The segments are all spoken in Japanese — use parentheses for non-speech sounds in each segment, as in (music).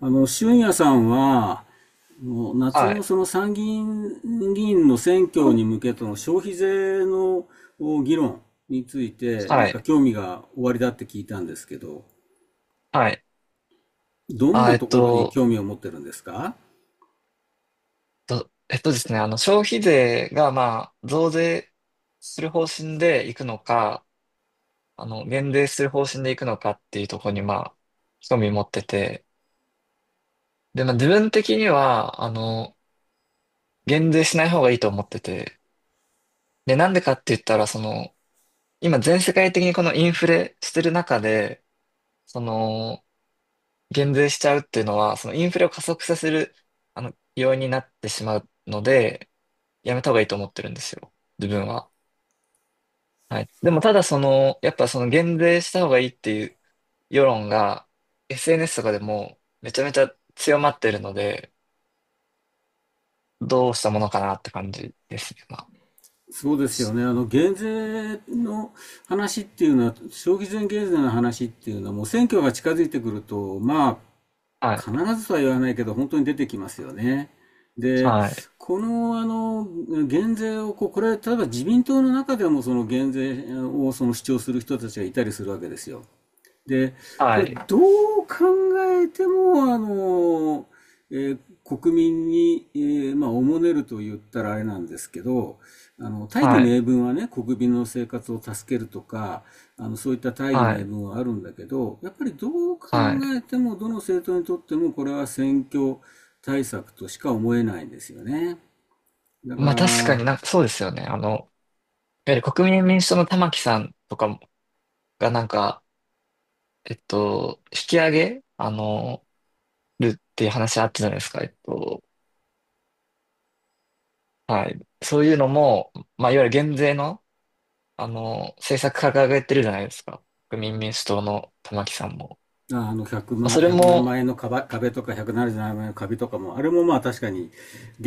俊也さんは、夏はのい。その参議院議員の選挙に向けての消費税の議論について、なんはかい。興味がおありだって聞いたんですけど、はい。どんあ、なえっところにと、興味を持ってるんですか？と、えっとですね、あの、消費税が、まあ、増税する方針でいくのか、減税する方針でいくのかっていうところに、まあ、興味持ってて、で、まあ、自分的には、減税しない方がいいと思ってて、で、なんでかって言ったら、今、全世界的にこのインフレしてる中で、その、減税しちゃうっていうのは、そのインフレを加速させる、要因になってしまうので、やめた方がいいと思ってるんですよ。自分は。はい。でもただその、やっぱその減税した方がいいっていう世論が SNS とかでもめちゃめちゃ強まってるので、どうしたものかなって感じですね。まそうですよね。減税の話っていうのは、消費税減税の話っていうのは、もう選挙が近づいてくると、あ、は必い。ずとは言わないけど、本当に出てきますよね。で、はい。この、あの、減税をこう、これ、例えば自民党の中でも、その減税をその主張する人たちがいたりするわけですよ。で、こはれい。どう考えても、えー国民に、おもねると言ったらあれなんですけど、あの、大義はい。名分はね、国民の生活を助けるとか、あの、そういった大義は名い。分はあるんだけど、やっぱりどう考はい。えても、どの政党にとっても、これは選挙対策としか思えないんですよね。だかまあ確から、になんかそうですよね。あの、やはり国民民主党の玉木さんとかがなんか、引き上げ、るっていう話あったじゃないですか。えっと、はい。そういうのも、まあ、いわゆる減税の、政策掲げてるじゃないですか。国民民主党の玉木さんも。あの100まあ、そ万、れ100何も、万円の壁とか177万円の壁とかも、あれもまあ確かに、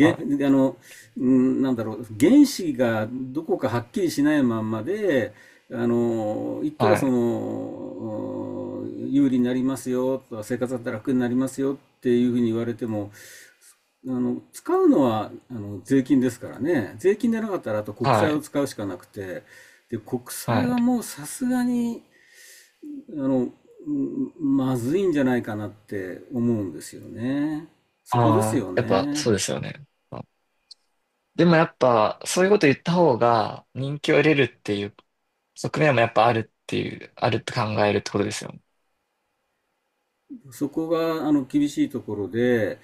はあい、の、ん、なんだろう、原子がどこかはっきりしないまんまで、あの、いくらはそい、の、有利になりますよとか、生活だったら楽になりますよっていうふうに言われても、あの、使うのは、あの、税金ですからね。税金でなかったら、あと国は債をい、使うしかなくて、で、国は債い。はもうさすがに、あの、まずいんじゃないかなって思うんですよね。そこですああ、よやっぱね。そうですよね。まあでもやっぱ、そういうこと言った方が人気を得れるっていう側面もやっぱあるっていう、あるって考えるってことですよね。そこが、あの、厳しいところで、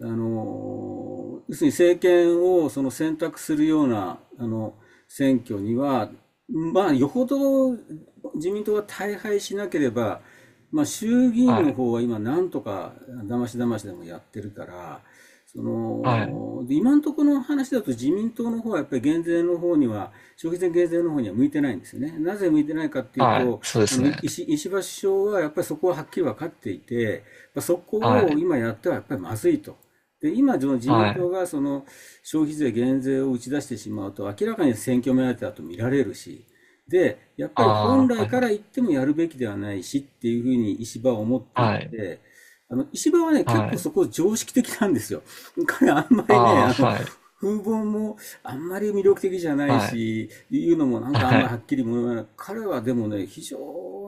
あの、要するに政権をその選択するような、あの、選挙には、まあ、よほど自民党が大敗しなければ、まあ、衆議は院のい、方は今、なんとかだましだましでもやってるから、そはい、の、で今のところの話だと自民党の方はやっぱり減税の方には、消費税減税の方には向いてないんですよね。なぜ向いてないかっていうはい、と、そうであすの、ね。石破首相はやっぱりそこははっきり分かっていて、そはこをい、今やってはやっぱりまずいと。で、今、その自民は党い、がその消費税減税を打ち出してしまうと、明らかに選挙目当てだと見られるし、で、やっあぱり本あ、来はい、かはらい、言ってもやるべきではないしっていうふうに石破は思っていはい、て、あの、石破はね、結は構い、そこ常識的なんですよ。(laughs) 彼あんまりね、ああ、あの、はい、風貌もあんまり魅力的じゃないはい、し、いうのもなんはかあんまりい、はっきりも言わない。彼はでもね、非常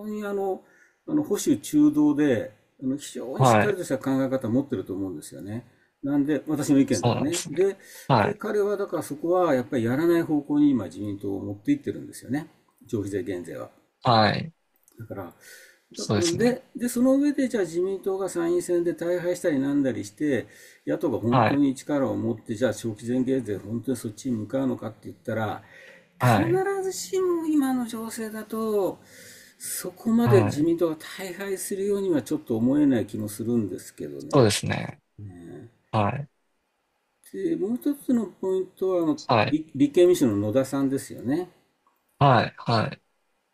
にあの、あの保守中道で、あの非常にしっはかりい。とした考え方を持ってると思うんですよね。なんで、私の意見でそうはなんでね。すね。で、はでい。彼はだからそこはやっぱりやらない方向に今自民党を持っていってるんですよね。消費税減税は。はい。だから、そうですね。その上で、じゃあ自民党が参院選で大敗したりなんだりして、野党が本は当い。に力を持って、じゃあ消費税減税、本当にそっちに向かうのかって言ったら、必はい。ずしも今の情勢だと、そこまでは自い。民党が大敗するようにはちょっと思えない気もするんですけどそうでね。すね。はい。で、もう一つのポイントは、あの、はい。立憲民主の野田さんですよね。はい。はい。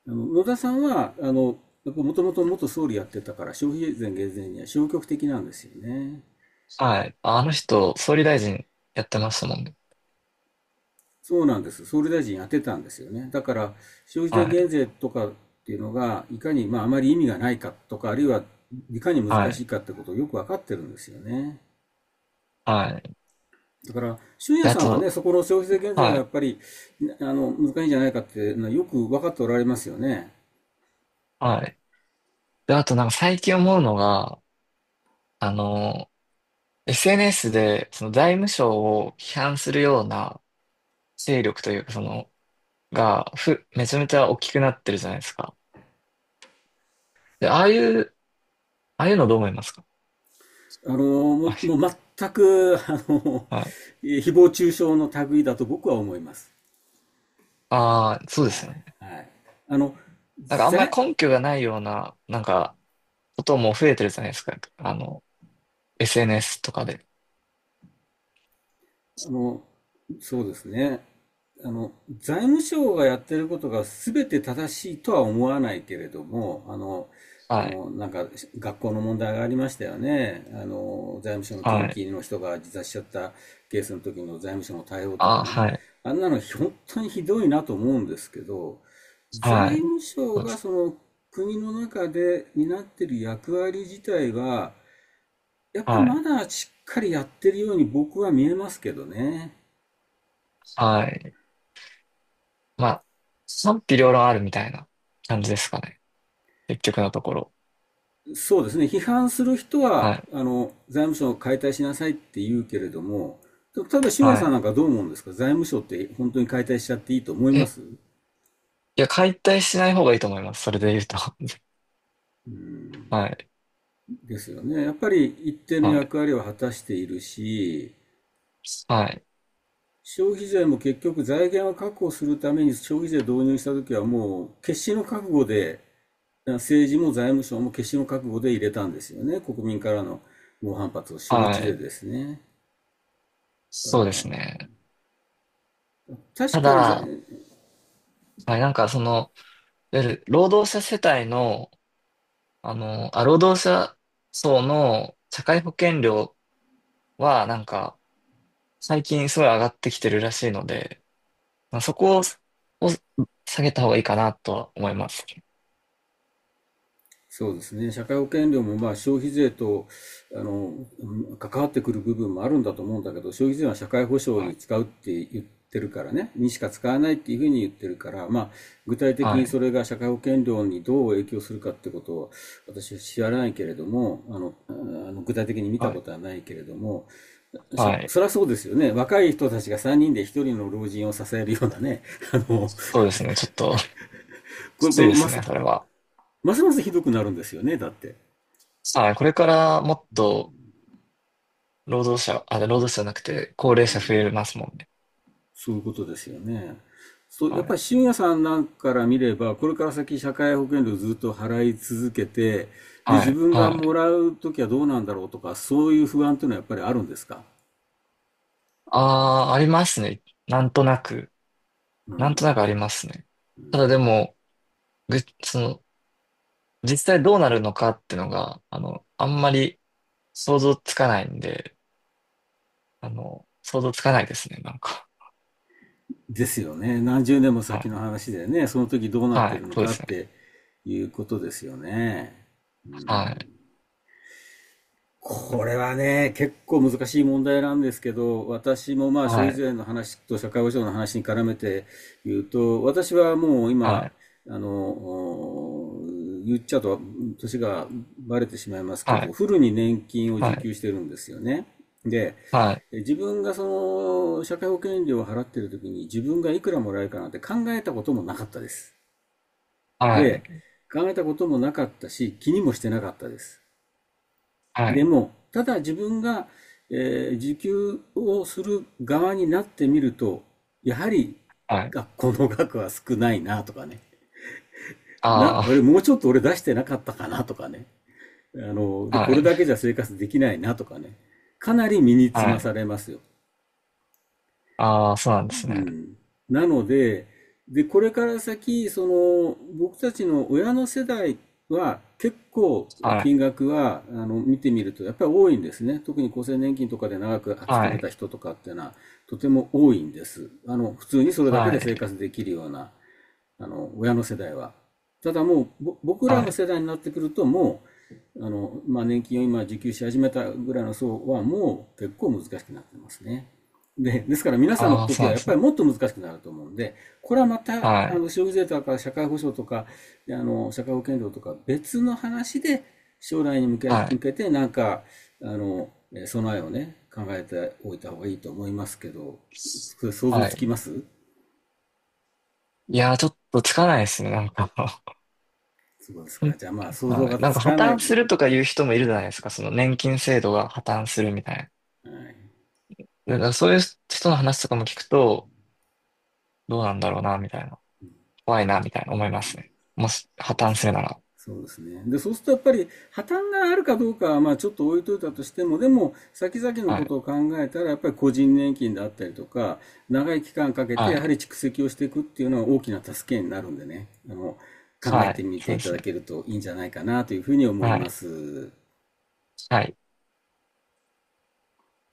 あの野田さんは、あの、もともと元総理やってたから、消費税減税には消極的なんですよね。はい。あの人、総理大臣やってましたもんね。そうなんです。総理大臣やってたんですよね。だから、消費税は減い。税とかっていうのが、いかに、まあ、あまり意味がないかとか、あるいは、いかには難しい。いかってことをよくわかってるんですよね。はい。だから、俊で、也あさんはね、と、そこの消費税減税がはやっい。ぱり、あの、難しいんじゃないかっていうのはよく分かっておられますよね。はい。で、あとなんか最近思うのが、あの、SNS で、その財務省を批判するような勢力というか、めちゃめちゃ大きくなってるじゃないですか。で、ああいうのどう思いますか？あの、もはい。う全く、あの、誹謗中傷の類だと僕は思います。ああ、そうではすよね。い、はい。あの、なんかあんまり財、根拠がないような、なんか、ことも増えてるじゃないですか。あの、SNS とかで。あの、そうですね。あの、財務省がやってることが全て正しいとは思わないけれども、はい。なんか学校の問題がありましたよね。あの、財務省の近はい。畿の人が自殺しちゃったケースの時の財務省の対応とあかあ、ね。はい。あんなの本当にひどいなと思うんですけど、は財い。務省そうでがす。その国の中で担ってる役割自体は、やっぱはまい。だしっかりやってるように僕は見えますけどね。はい。まあ、賛否両論あるみたいな感じですかね。結局のところ。そうですね。批判する人は、はい。あの、財務省を解体しなさいって言うけれども、例えば、俊也はさんなんい。かどう思うんですか？財務省って本当に解体しちゃっていいと思いまえ、すいや、解体しない方がいいと思います。それで言うと。(laughs) はい。ですよね。やっぱり一定のはい。役割を果たしているし、はい。消費税も結局財源を確保するために消費税導入した時はもう決死の覚悟で政治も財務省も決心を覚悟で入れたんですよね、国民からの猛反発を承は知でい。ですね。だかそうですらね。確たかにだ、はい、なんかその、いわゆる労働者世帯の、労働者層の社会保険料はなんか最近すごい上がってきてるらしいので、まあ、そこを下げた方がいいかなとは思います。そうですね、社会保険料もまあ消費税とあの関わってくる部分もあるんだと思うんだけど、消費税は社会保障はにい。使うって言ってるからね、にしか使わないっていうふうに言ってるから、まあ、具体的はにそい。れが社会保険料にどう影響するかってことを私は知らないけれども、あの具体的に見たはこい。とはないけれども、はい。そりゃそうですよね。若い人たちが3人で1人の老人を支えるようなね。(laughs) あの、こそうですね。ちょっと (laughs) きれ、こついれですます、ね、それは。ますますひどくなるんですよね。だって。はい。これからもっと労働者じゃなくて高齢者増えますもんね。そういうことですよね。そう、やっはぱい。り信也さんなんかから見れば、これから先社会保険料ずっと払い続けて、で、は自い。分がはもい。らうときはどうなんだろうとか、そういう不安というのはやっぱりあるんですか？ああ、ありますね。なんとなく。うなんとなくん。ありますね。ただでも、ぐ、その、実際どうなるのかってのが、あの、あんまり想像つかないんで、あの、想像つかないですね、なんか。ですよね。何十年もは先い。の話でね、その時どうなってはい。るのそうでかっすね。ていうことですよね。はい。これはね、結構難しい問題なんですけど、私もまあ消は費い。税の話と社会保障の話に絡めて言うと、私はもうは今、い。あの、お言っちゃうと年がバレてしまいますけはど、い。フルに年金をは受い。給してるんですよね。で、はい。自分がその社会保険料を払ってる時に自分がいくらもらえるかなんて考えたこともなかったです。はで、い。考えたこともなかったし、気にもしてなかったです。はでい。も、ただ自分が、受給をする側になってみると、やはりはい。学校の額は少ないなとかね。あれあもうちょっと俺出してなかったかなとかね。あの、で、あ、こはれい。だけじゃ生活できないなとかね。かなり身につはまさい。れますよ。ああ、そうなんですうね。ん。なので、で、これから先、その、僕たちの親の世代は結構はい。金額は、あの、見てみるとやっぱり多いんですね。特に厚生年金とかで長く勤はめたい。人とかっていうのはとても多いんです。あの、普通にそれだけはで生い。活できるようなあの、親の世代は。ただもう、僕らはのい。世代になってくると、あの、まあ、年金を今受給し始めたぐらいの層は、もう結構難しくなってますね。で、ですから皆さんのああ、そ時うはなんやでっすぱね。りもっと難しくなると思うんで、これはまた、はあい。の、消費税とか社会保障とか、あの、社会保険料とか別の話で、将来に向け、は向い。けてなんか、あの、備えをね、考えておいた方がいいと思いますけど、想像はつきい。ますいやー、ちょっとつかないですね、なんか。(laughs) そうですか。じゃあまあ想像はがい。なんつか破かない。綻はするとか言う人もいるじゃないですか。その年金制度が破綻するみたいな。い。だからそういう人の話とかも聞くと、どうなんだろうな、みたいな。怖いな、みたいな思いますね。もしそ破うで綻すね。するなら。そうですね、でそうするとやっぱり破綻があるかどうかはまあちょっと置いといたとしても、でも先々のはこい。とを考えたらやっぱり個人年金であったりとか、長い期間かけてはやはりい。蓄積をしていくっていうのは大きな助けになるんでね、あの、考えはてい。みてそういでたすだね。けるといいんじゃないかなというふうに思いはまい。す。はい。